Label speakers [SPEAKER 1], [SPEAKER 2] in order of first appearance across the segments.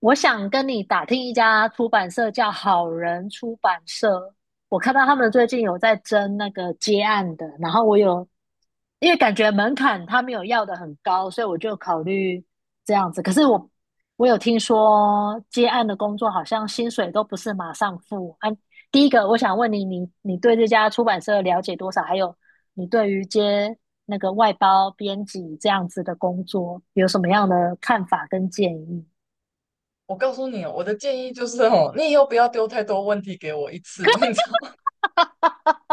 [SPEAKER 1] 我想跟你打听一家出版社叫好人出版社，我看到他们最近有在争那个接案的，然后我有，因为感觉门槛他没有要的很高，所以我就考虑这样子。可是我有听说接案的工作好像薪水都不是马上付啊。第一个，我想问你，你对这家出版社了解多少？还有你对于接那个外包编辑这样子的工作有什么样的看法跟建议？
[SPEAKER 2] 我告诉你哦，我的建议就是哦，你以后不要丢太多问题给我一次，你知道吗？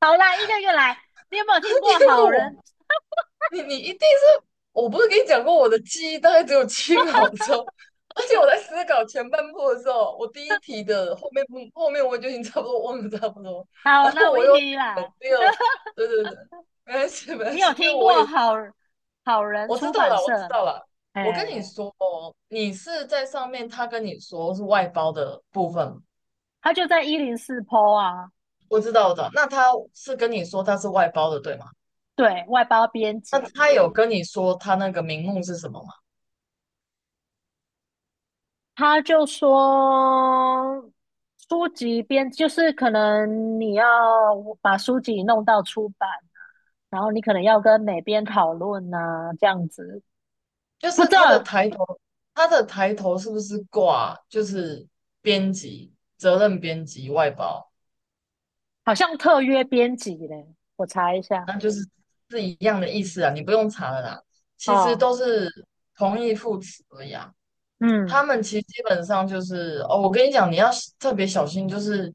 [SPEAKER 1] 好啦，一个一个来。你有没有听
[SPEAKER 2] 因
[SPEAKER 1] 过好
[SPEAKER 2] 为我，
[SPEAKER 1] 人？
[SPEAKER 2] 你一定是，我不是跟你讲过我的记忆大概只有7秒钟，而且我在思考前半部的时候，我第一题的后面我就已经差不多忘了差不多，
[SPEAKER 1] 好，
[SPEAKER 2] 然后
[SPEAKER 1] 那我
[SPEAKER 2] 我
[SPEAKER 1] 一
[SPEAKER 2] 又
[SPEAKER 1] 题一
[SPEAKER 2] 在
[SPEAKER 1] 来。
[SPEAKER 2] 想第二，对对对，没关系没关
[SPEAKER 1] 你有
[SPEAKER 2] 系，因为
[SPEAKER 1] 听
[SPEAKER 2] 我
[SPEAKER 1] 过
[SPEAKER 2] 也
[SPEAKER 1] 好人
[SPEAKER 2] 我知
[SPEAKER 1] 出
[SPEAKER 2] 道
[SPEAKER 1] 版
[SPEAKER 2] 了我知
[SPEAKER 1] 社？
[SPEAKER 2] 道了，我跟你
[SPEAKER 1] 哎，
[SPEAKER 2] 说哦，你是在上面他跟你说是外包的部分
[SPEAKER 1] 他就在104P 啊，
[SPEAKER 2] 我知道，的，那他是跟你说他是外包的，对吗？
[SPEAKER 1] 对外包编
[SPEAKER 2] 那
[SPEAKER 1] 辑，
[SPEAKER 2] 他有跟你说他那个名目是什么吗？
[SPEAKER 1] 他就说书籍编就是可能你要把书籍弄到出版，然后你可能要跟哪编讨论呐、这样子。
[SPEAKER 2] 就
[SPEAKER 1] 不
[SPEAKER 2] 是
[SPEAKER 1] 知
[SPEAKER 2] 他的
[SPEAKER 1] 道，
[SPEAKER 2] 抬头，他的抬头是不是挂就是编辑、责任编辑、外包？
[SPEAKER 1] 好像特约编辑嘞，我查一下
[SPEAKER 2] 那就是一样的意思啊，你不用查了啦。其实
[SPEAKER 1] 哦，
[SPEAKER 2] 都是同义副词而已啊。他
[SPEAKER 1] 嗯
[SPEAKER 2] 们其实基本上就是哦，我跟你讲，你要特别小心，就是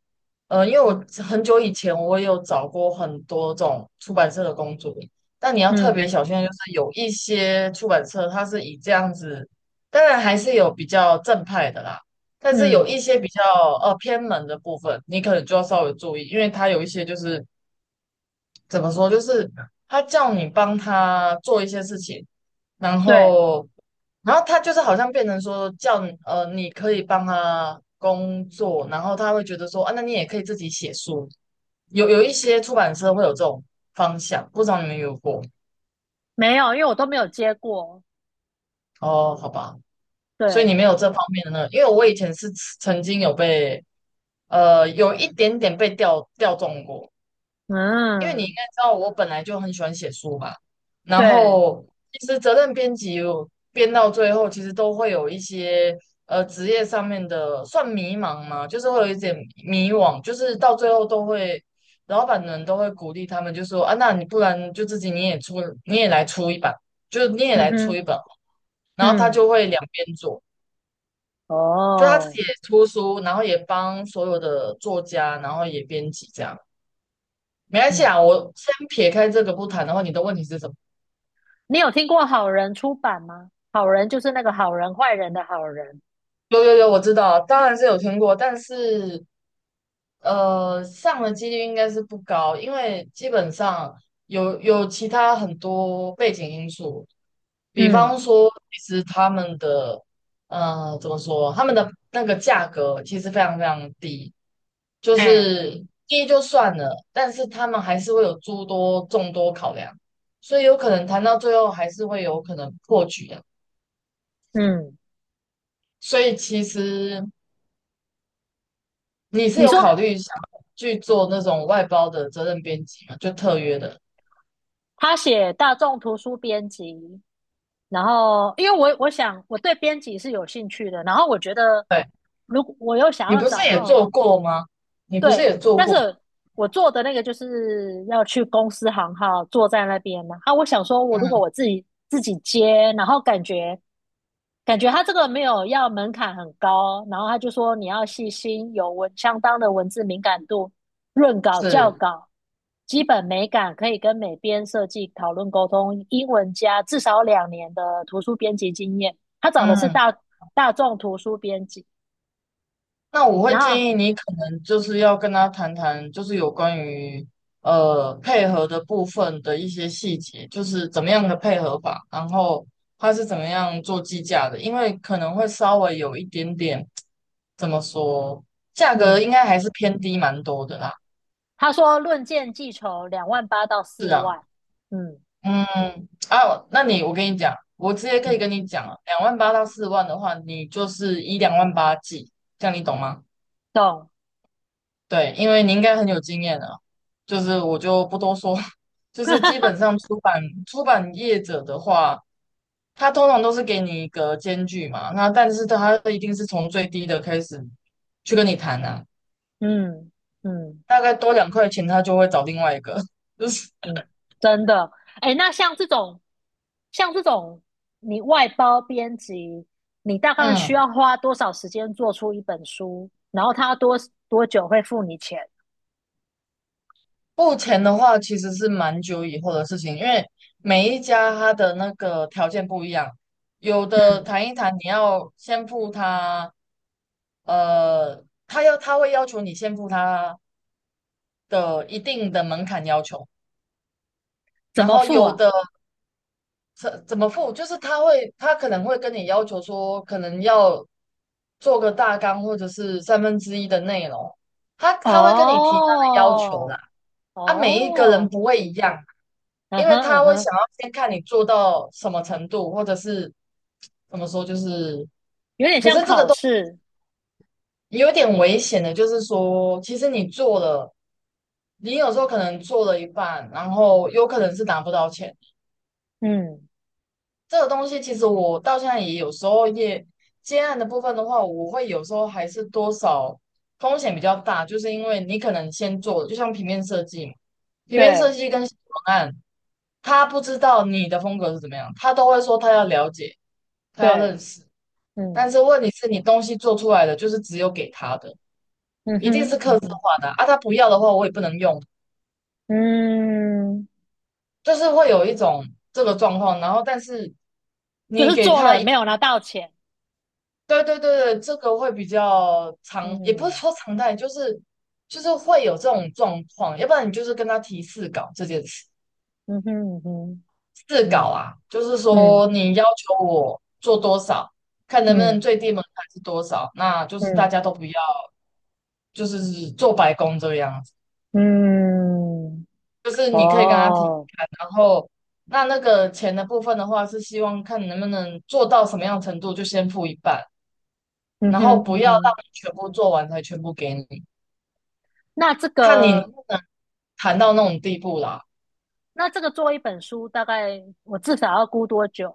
[SPEAKER 2] 因为我很久以前我也有找过很多这种出版社的工作，但你要特
[SPEAKER 1] 嗯。
[SPEAKER 2] 别小心，就是有一些出版社它是以这样子，当然还是有比较正派的啦，但是有
[SPEAKER 1] 嗯，
[SPEAKER 2] 一些比较偏门的部分，你可能就要稍微注意，因为它有一些就是怎么说，就是他叫你帮他做一些事情，然
[SPEAKER 1] 对，
[SPEAKER 2] 后，然后他就是好像变成说叫你你可以帮他工作，然后他会觉得说啊，那你也可以自己写书。有一些出版社会有这种方向，不知道你们有过
[SPEAKER 1] 没有，因为我都没有接过。
[SPEAKER 2] 哦？好吧，所以
[SPEAKER 1] 对，
[SPEAKER 2] 你没有这方面的那个，因为我以前是曾经有被有一点点被调中过，因为你应
[SPEAKER 1] 嗯，
[SPEAKER 2] 该知道，我本来就很喜欢写书吧。然
[SPEAKER 1] 对，
[SPEAKER 2] 后，其实责任编辑我编到最后，其实都会有一些职业上面的算迷茫嘛，就是会有一点迷惘，就是到最后都会，老板们都会鼓励他们，就说啊，那你不然就自己你也出，你也来出一本，就是你也
[SPEAKER 1] 嗯
[SPEAKER 2] 来出一
[SPEAKER 1] 哼，
[SPEAKER 2] 本。然后他
[SPEAKER 1] 嗯，
[SPEAKER 2] 就会两边做，就他自己
[SPEAKER 1] 哦，
[SPEAKER 2] 也出书，然后也帮所有的作家，然后也编辑这样。没关系
[SPEAKER 1] 嗯，
[SPEAKER 2] 啊，我先撇开这个不谈的话，你的问题是什么？
[SPEAKER 1] 你有听过好人出版吗？好人就是那个好人坏人的好人。
[SPEAKER 2] 有有有，我知道啊，当然是有听过，但是上的几率应该是不高，因为基本上有其他很多背景因素，比
[SPEAKER 1] 嗯，
[SPEAKER 2] 方说，其实他们的怎么说，他们的那个价格其实非常非常低，就
[SPEAKER 1] 哎，
[SPEAKER 2] 是低就算了，但是他们还是会有诸多众多考量，所以有可能谈到最后还是会有可能破局的。
[SPEAKER 1] 嗯，
[SPEAKER 2] 所以其实你是
[SPEAKER 1] 你
[SPEAKER 2] 有
[SPEAKER 1] 说
[SPEAKER 2] 考虑想去做那种外包的责任编辑吗？就特约的，
[SPEAKER 1] 他写大众图书编辑，然后因为我想我对编辑是有兴趣的，然后我觉得
[SPEAKER 2] 对，
[SPEAKER 1] 如果我又想
[SPEAKER 2] 你
[SPEAKER 1] 要
[SPEAKER 2] 不是
[SPEAKER 1] 找那
[SPEAKER 2] 也
[SPEAKER 1] 种
[SPEAKER 2] 做过吗？你不是
[SPEAKER 1] 对，
[SPEAKER 2] 也做
[SPEAKER 1] 但
[SPEAKER 2] 过？
[SPEAKER 1] 是我做的那个就是要去公司行号坐在那边嘛。啊，我想说，我如果
[SPEAKER 2] 嗯，
[SPEAKER 1] 我自己接，然后感觉他这个没有要门槛很高，然后他就说你要细心，相当的文字敏感度，润稿校
[SPEAKER 2] 是，
[SPEAKER 1] 稿，基本美感可以跟美编设计讨论沟通，英文加至少2年的图书编辑经验。他找的是
[SPEAKER 2] 嗯，
[SPEAKER 1] 大众图书编辑，
[SPEAKER 2] 那我会
[SPEAKER 1] 然后
[SPEAKER 2] 建议你可能就是要跟他谈谈，就是有关于配合的部分的一些细节，就是怎么样的配合法，然后他是怎么样做计价的，因为可能会稍微有一点点，怎么说，价格应
[SPEAKER 1] 嗯，
[SPEAKER 2] 该还是偏低蛮多的啦。
[SPEAKER 1] 他说论件计酬2万8到
[SPEAKER 2] 是
[SPEAKER 1] 四
[SPEAKER 2] 啊，
[SPEAKER 1] 万，嗯
[SPEAKER 2] 嗯，啊，我跟你讲，我直接可以
[SPEAKER 1] 嗯，
[SPEAKER 2] 跟你讲了，2万8到4万的话，你就是以两万八计，这样你懂吗？
[SPEAKER 1] 懂，
[SPEAKER 2] 对，因为你应该很有经验了，就是我就不多说，就是基本 上出版业者的话，他通常都是给你一个间距嘛，那但是他一定是从最低的开始去跟你谈啊，
[SPEAKER 1] 嗯嗯
[SPEAKER 2] 大概多2块钱，他就会找另外一个，就是
[SPEAKER 1] 嗯，真的，哎，那像这种，像这种你外包编辑，你大概需
[SPEAKER 2] 嗯。
[SPEAKER 1] 要花多少时间做出一本书？然后他多久会付你钱？
[SPEAKER 2] 付钱的话，其实是蛮久以后的事情，因为每一家他的那个条件不一样，有的
[SPEAKER 1] 嗯，
[SPEAKER 2] 谈一谈，你要先付他，他会要求你先付他的一定的门槛要求，
[SPEAKER 1] 怎
[SPEAKER 2] 然
[SPEAKER 1] 么
[SPEAKER 2] 后
[SPEAKER 1] 付
[SPEAKER 2] 有
[SPEAKER 1] 啊？
[SPEAKER 2] 的怎么付，就是他可能会跟你要求说，可能要做个大纲或者是1/3的内容，他会跟你提他的要求啦，
[SPEAKER 1] 哦
[SPEAKER 2] 啊，每一个人
[SPEAKER 1] 哦，
[SPEAKER 2] 不会一样。
[SPEAKER 1] 嗯
[SPEAKER 2] 因为
[SPEAKER 1] 哼嗯
[SPEAKER 2] 他会
[SPEAKER 1] 哼，
[SPEAKER 2] 想要先看你做到什么程度，或者是怎么说，就是
[SPEAKER 1] 有点
[SPEAKER 2] 可
[SPEAKER 1] 像
[SPEAKER 2] 是这个
[SPEAKER 1] 考
[SPEAKER 2] 都
[SPEAKER 1] 试，
[SPEAKER 2] 有点危险的，就是说，其实你做了，你有时候可能做了一半，然后有可能是拿不到钱。
[SPEAKER 1] 嗯，
[SPEAKER 2] 这个东西其实我到现在也有时候也接案的部分的话，我会有时候还是多少风险比较大，就是因为你可能先做了，就像平面设计嘛，平面设
[SPEAKER 1] 对
[SPEAKER 2] 计跟文案，他不知道你的风格是怎么样，他都会说他要了解。他要
[SPEAKER 1] 对，
[SPEAKER 2] 认识。
[SPEAKER 1] 嗯
[SPEAKER 2] 但是问题是你东西做出来的就是只有给他的，
[SPEAKER 1] 嗯
[SPEAKER 2] 一定
[SPEAKER 1] 哼
[SPEAKER 2] 是
[SPEAKER 1] 嗯
[SPEAKER 2] 客制
[SPEAKER 1] 哼。
[SPEAKER 2] 化的啊，啊他不要的话我也不能用，
[SPEAKER 1] 嗯，
[SPEAKER 2] 就是会有一种这个状况。然后但是
[SPEAKER 1] 就
[SPEAKER 2] 你
[SPEAKER 1] 是
[SPEAKER 2] 给
[SPEAKER 1] 做
[SPEAKER 2] 他
[SPEAKER 1] 了
[SPEAKER 2] 一，
[SPEAKER 1] 没有拿到钱，
[SPEAKER 2] 对对对对，这个会比较常，也不是
[SPEAKER 1] 嗯
[SPEAKER 2] 说常态，就是会有这种状况。要不然你就是跟他提试稿这件事，
[SPEAKER 1] 嗯哼嗯哼
[SPEAKER 2] 试稿
[SPEAKER 1] 嗯
[SPEAKER 2] 啊，就是
[SPEAKER 1] 嗯
[SPEAKER 2] 说你要求我做多少。看能不能
[SPEAKER 1] 嗯
[SPEAKER 2] 最低门槛是多少，那就是大
[SPEAKER 1] 嗯
[SPEAKER 2] 家都不要，就是做白工这个样。子。
[SPEAKER 1] 嗯，
[SPEAKER 2] 就是你可以跟他提提
[SPEAKER 1] 哦，
[SPEAKER 2] 看，然后那个钱的部分的话，是希望看你能不能做到什么样程度，就先付一半，
[SPEAKER 1] 嗯
[SPEAKER 2] 然
[SPEAKER 1] 哼
[SPEAKER 2] 后不
[SPEAKER 1] 嗯
[SPEAKER 2] 要让
[SPEAKER 1] 哼，
[SPEAKER 2] 你全部做完才全部给你，
[SPEAKER 1] 那这
[SPEAKER 2] 看你能
[SPEAKER 1] 个
[SPEAKER 2] 不能谈到那种地步啦。
[SPEAKER 1] 那这个做一本书，大概我至少要估多久？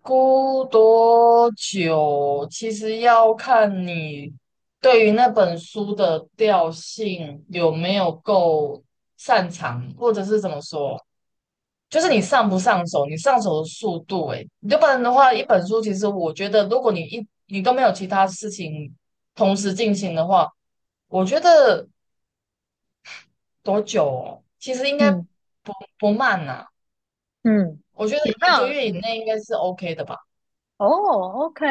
[SPEAKER 2] 估多久，其实要看你对于那本书的调性有没有够擅长，或者是怎么说。就是你上不上手，你上手的速度、欸，诶，你要不然的话，一本书其实我觉得，如果你都没有其他事情同时进行的话，我觉得多久哦？其实应该
[SPEAKER 1] 嗯
[SPEAKER 2] 不慢呐、
[SPEAKER 1] 嗯，
[SPEAKER 2] 我觉得
[SPEAKER 1] 有没
[SPEAKER 2] 一个
[SPEAKER 1] 有？
[SPEAKER 2] 月以内应该是 OK 的吧。
[SPEAKER 1] 哦哦，OK，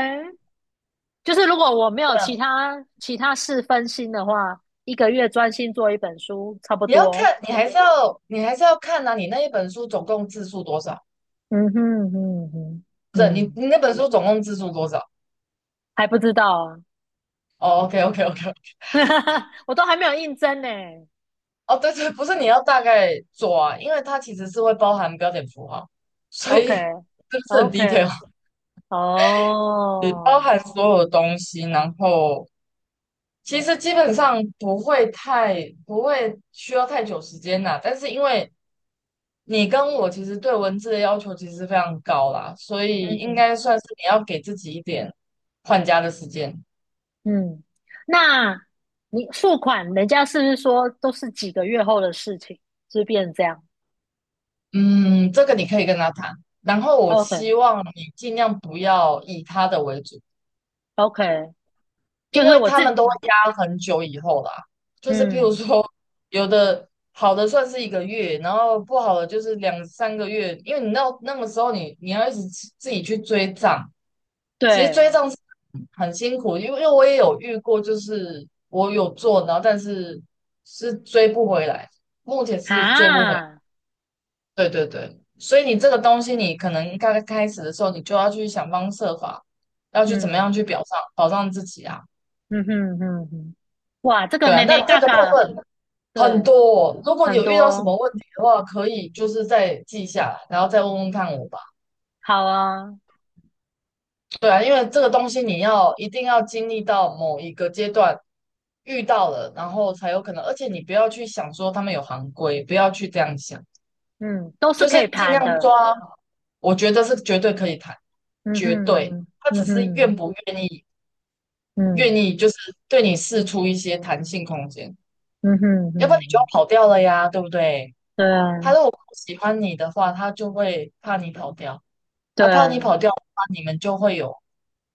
[SPEAKER 1] 就是如果我没有
[SPEAKER 2] 对啊，
[SPEAKER 1] 其他事分心的话，1个月专心做一本书，差不
[SPEAKER 2] 你要
[SPEAKER 1] 多。
[SPEAKER 2] 看，你还是要看呐、你那一本书总共字数多少？
[SPEAKER 1] 嗯哼嗯哼
[SPEAKER 2] 不是你
[SPEAKER 1] 嗯，
[SPEAKER 2] 你那本书总共字数多少？
[SPEAKER 1] 还不知道啊。
[SPEAKER 2] 哦，OK OK OK
[SPEAKER 1] 我都还没有应征呢。
[SPEAKER 2] 哦，对对，不是你要大概做啊，因为它其实是会包含标点符号，所
[SPEAKER 1] OK
[SPEAKER 2] 以 是不是很 detail？
[SPEAKER 1] OK，
[SPEAKER 2] 你包
[SPEAKER 1] 哦，
[SPEAKER 2] 含所有东西，然后其实基本上不会需要太久时间啦。但是因为你跟我其实对文字的要求其实非常高啦，所以应
[SPEAKER 1] 嗯
[SPEAKER 2] 该算是你要给自己一点换家的时间。
[SPEAKER 1] 嗯，那你付款，人家是不是说都是几个月后的事情，就变成这样
[SPEAKER 2] 嗯，这个你可以跟他谈。然后我
[SPEAKER 1] ？OK
[SPEAKER 2] 希望你尽量不要以他的为主。
[SPEAKER 1] OK，就
[SPEAKER 2] 因
[SPEAKER 1] 是
[SPEAKER 2] 为
[SPEAKER 1] 我
[SPEAKER 2] 他
[SPEAKER 1] 自，
[SPEAKER 2] 们都会压很久以后啦，就是譬如
[SPEAKER 1] 嗯，
[SPEAKER 2] 说，有的好的算是一个月，然后不好的就是2、3个月，因为你到那个时候你要一直自己去追账，其实
[SPEAKER 1] 对
[SPEAKER 2] 追账是很辛苦，因为我也有遇过，就是我有做，然后但是追不回来，目前是追不回来
[SPEAKER 1] 啊，
[SPEAKER 2] 对对对，所以你这个东西你可能刚开始的时候，你就要去想方设法，要去怎么
[SPEAKER 1] 嗯
[SPEAKER 2] 样去表上保障自己啊。
[SPEAKER 1] 嗯哼哼哼，哇，这个
[SPEAKER 2] 对啊，
[SPEAKER 1] 妹
[SPEAKER 2] 那
[SPEAKER 1] 妹
[SPEAKER 2] 这
[SPEAKER 1] 嘎
[SPEAKER 2] 个部
[SPEAKER 1] 嘎，
[SPEAKER 2] 分很
[SPEAKER 1] 对，
[SPEAKER 2] 多哦，如果你
[SPEAKER 1] 很
[SPEAKER 2] 有遇到什
[SPEAKER 1] 多，
[SPEAKER 2] 么问题的话，可以就是再记下来，然后再问问看我吧。
[SPEAKER 1] 好啊，
[SPEAKER 2] 对啊，因为这个东西你要一定要经历到某一个阶段遇到了，然后才有可能。而且你不要去想说他们有行规，不要去这样想，
[SPEAKER 1] 嗯，都是
[SPEAKER 2] 就是
[SPEAKER 1] 可以
[SPEAKER 2] 尽
[SPEAKER 1] 谈
[SPEAKER 2] 量
[SPEAKER 1] 的，
[SPEAKER 2] 抓。我觉得是绝对可以谈，
[SPEAKER 1] 嗯
[SPEAKER 2] 绝
[SPEAKER 1] 哼
[SPEAKER 2] 对。
[SPEAKER 1] 哼，
[SPEAKER 2] 他
[SPEAKER 1] 嗯
[SPEAKER 2] 只是
[SPEAKER 1] 哼哼，
[SPEAKER 2] 愿不愿意，愿
[SPEAKER 1] 嗯。
[SPEAKER 2] 意就是对你释出一些弹性空间，
[SPEAKER 1] 嗯哼
[SPEAKER 2] 要不然你就要
[SPEAKER 1] 哼
[SPEAKER 2] 跑掉了呀，对不对？
[SPEAKER 1] 啊，
[SPEAKER 2] 他如果不喜欢你的话，他就会怕你跑掉，啊，
[SPEAKER 1] 对
[SPEAKER 2] 怕
[SPEAKER 1] 啊，
[SPEAKER 2] 你跑掉的话，你们就会有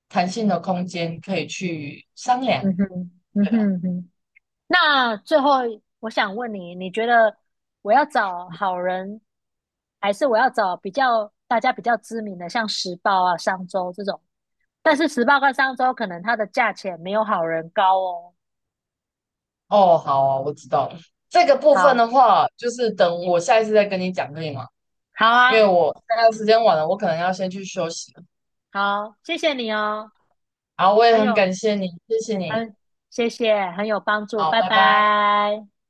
[SPEAKER 2] 弹性的空间可以去商量。
[SPEAKER 1] 嗯哼嗯
[SPEAKER 2] 对
[SPEAKER 1] 哼哼。那最后我想问你，你觉得我要找好人，还是我要找比较大家比较知名的，像时报啊、商周这种？但是时报跟商周可能它的价钱没有好人高哦。
[SPEAKER 2] 哦，好啊我知道了。这个部分
[SPEAKER 1] 好，
[SPEAKER 2] 的话，就是等我下一次再跟你讲，可以吗？
[SPEAKER 1] 好
[SPEAKER 2] 因
[SPEAKER 1] 啊，
[SPEAKER 2] 为我现在时间晚了，我可能要先去休息了。
[SPEAKER 1] 好，谢谢你哦，
[SPEAKER 2] 好，我也
[SPEAKER 1] 很
[SPEAKER 2] 很
[SPEAKER 1] 有
[SPEAKER 2] 感谢你，谢谢你。
[SPEAKER 1] 很谢谢，很有帮助，
[SPEAKER 2] 好，
[SPEAKER 1] 拜
[SPEAKER 2] 拜拜。
[SPEAKER 1] 拜。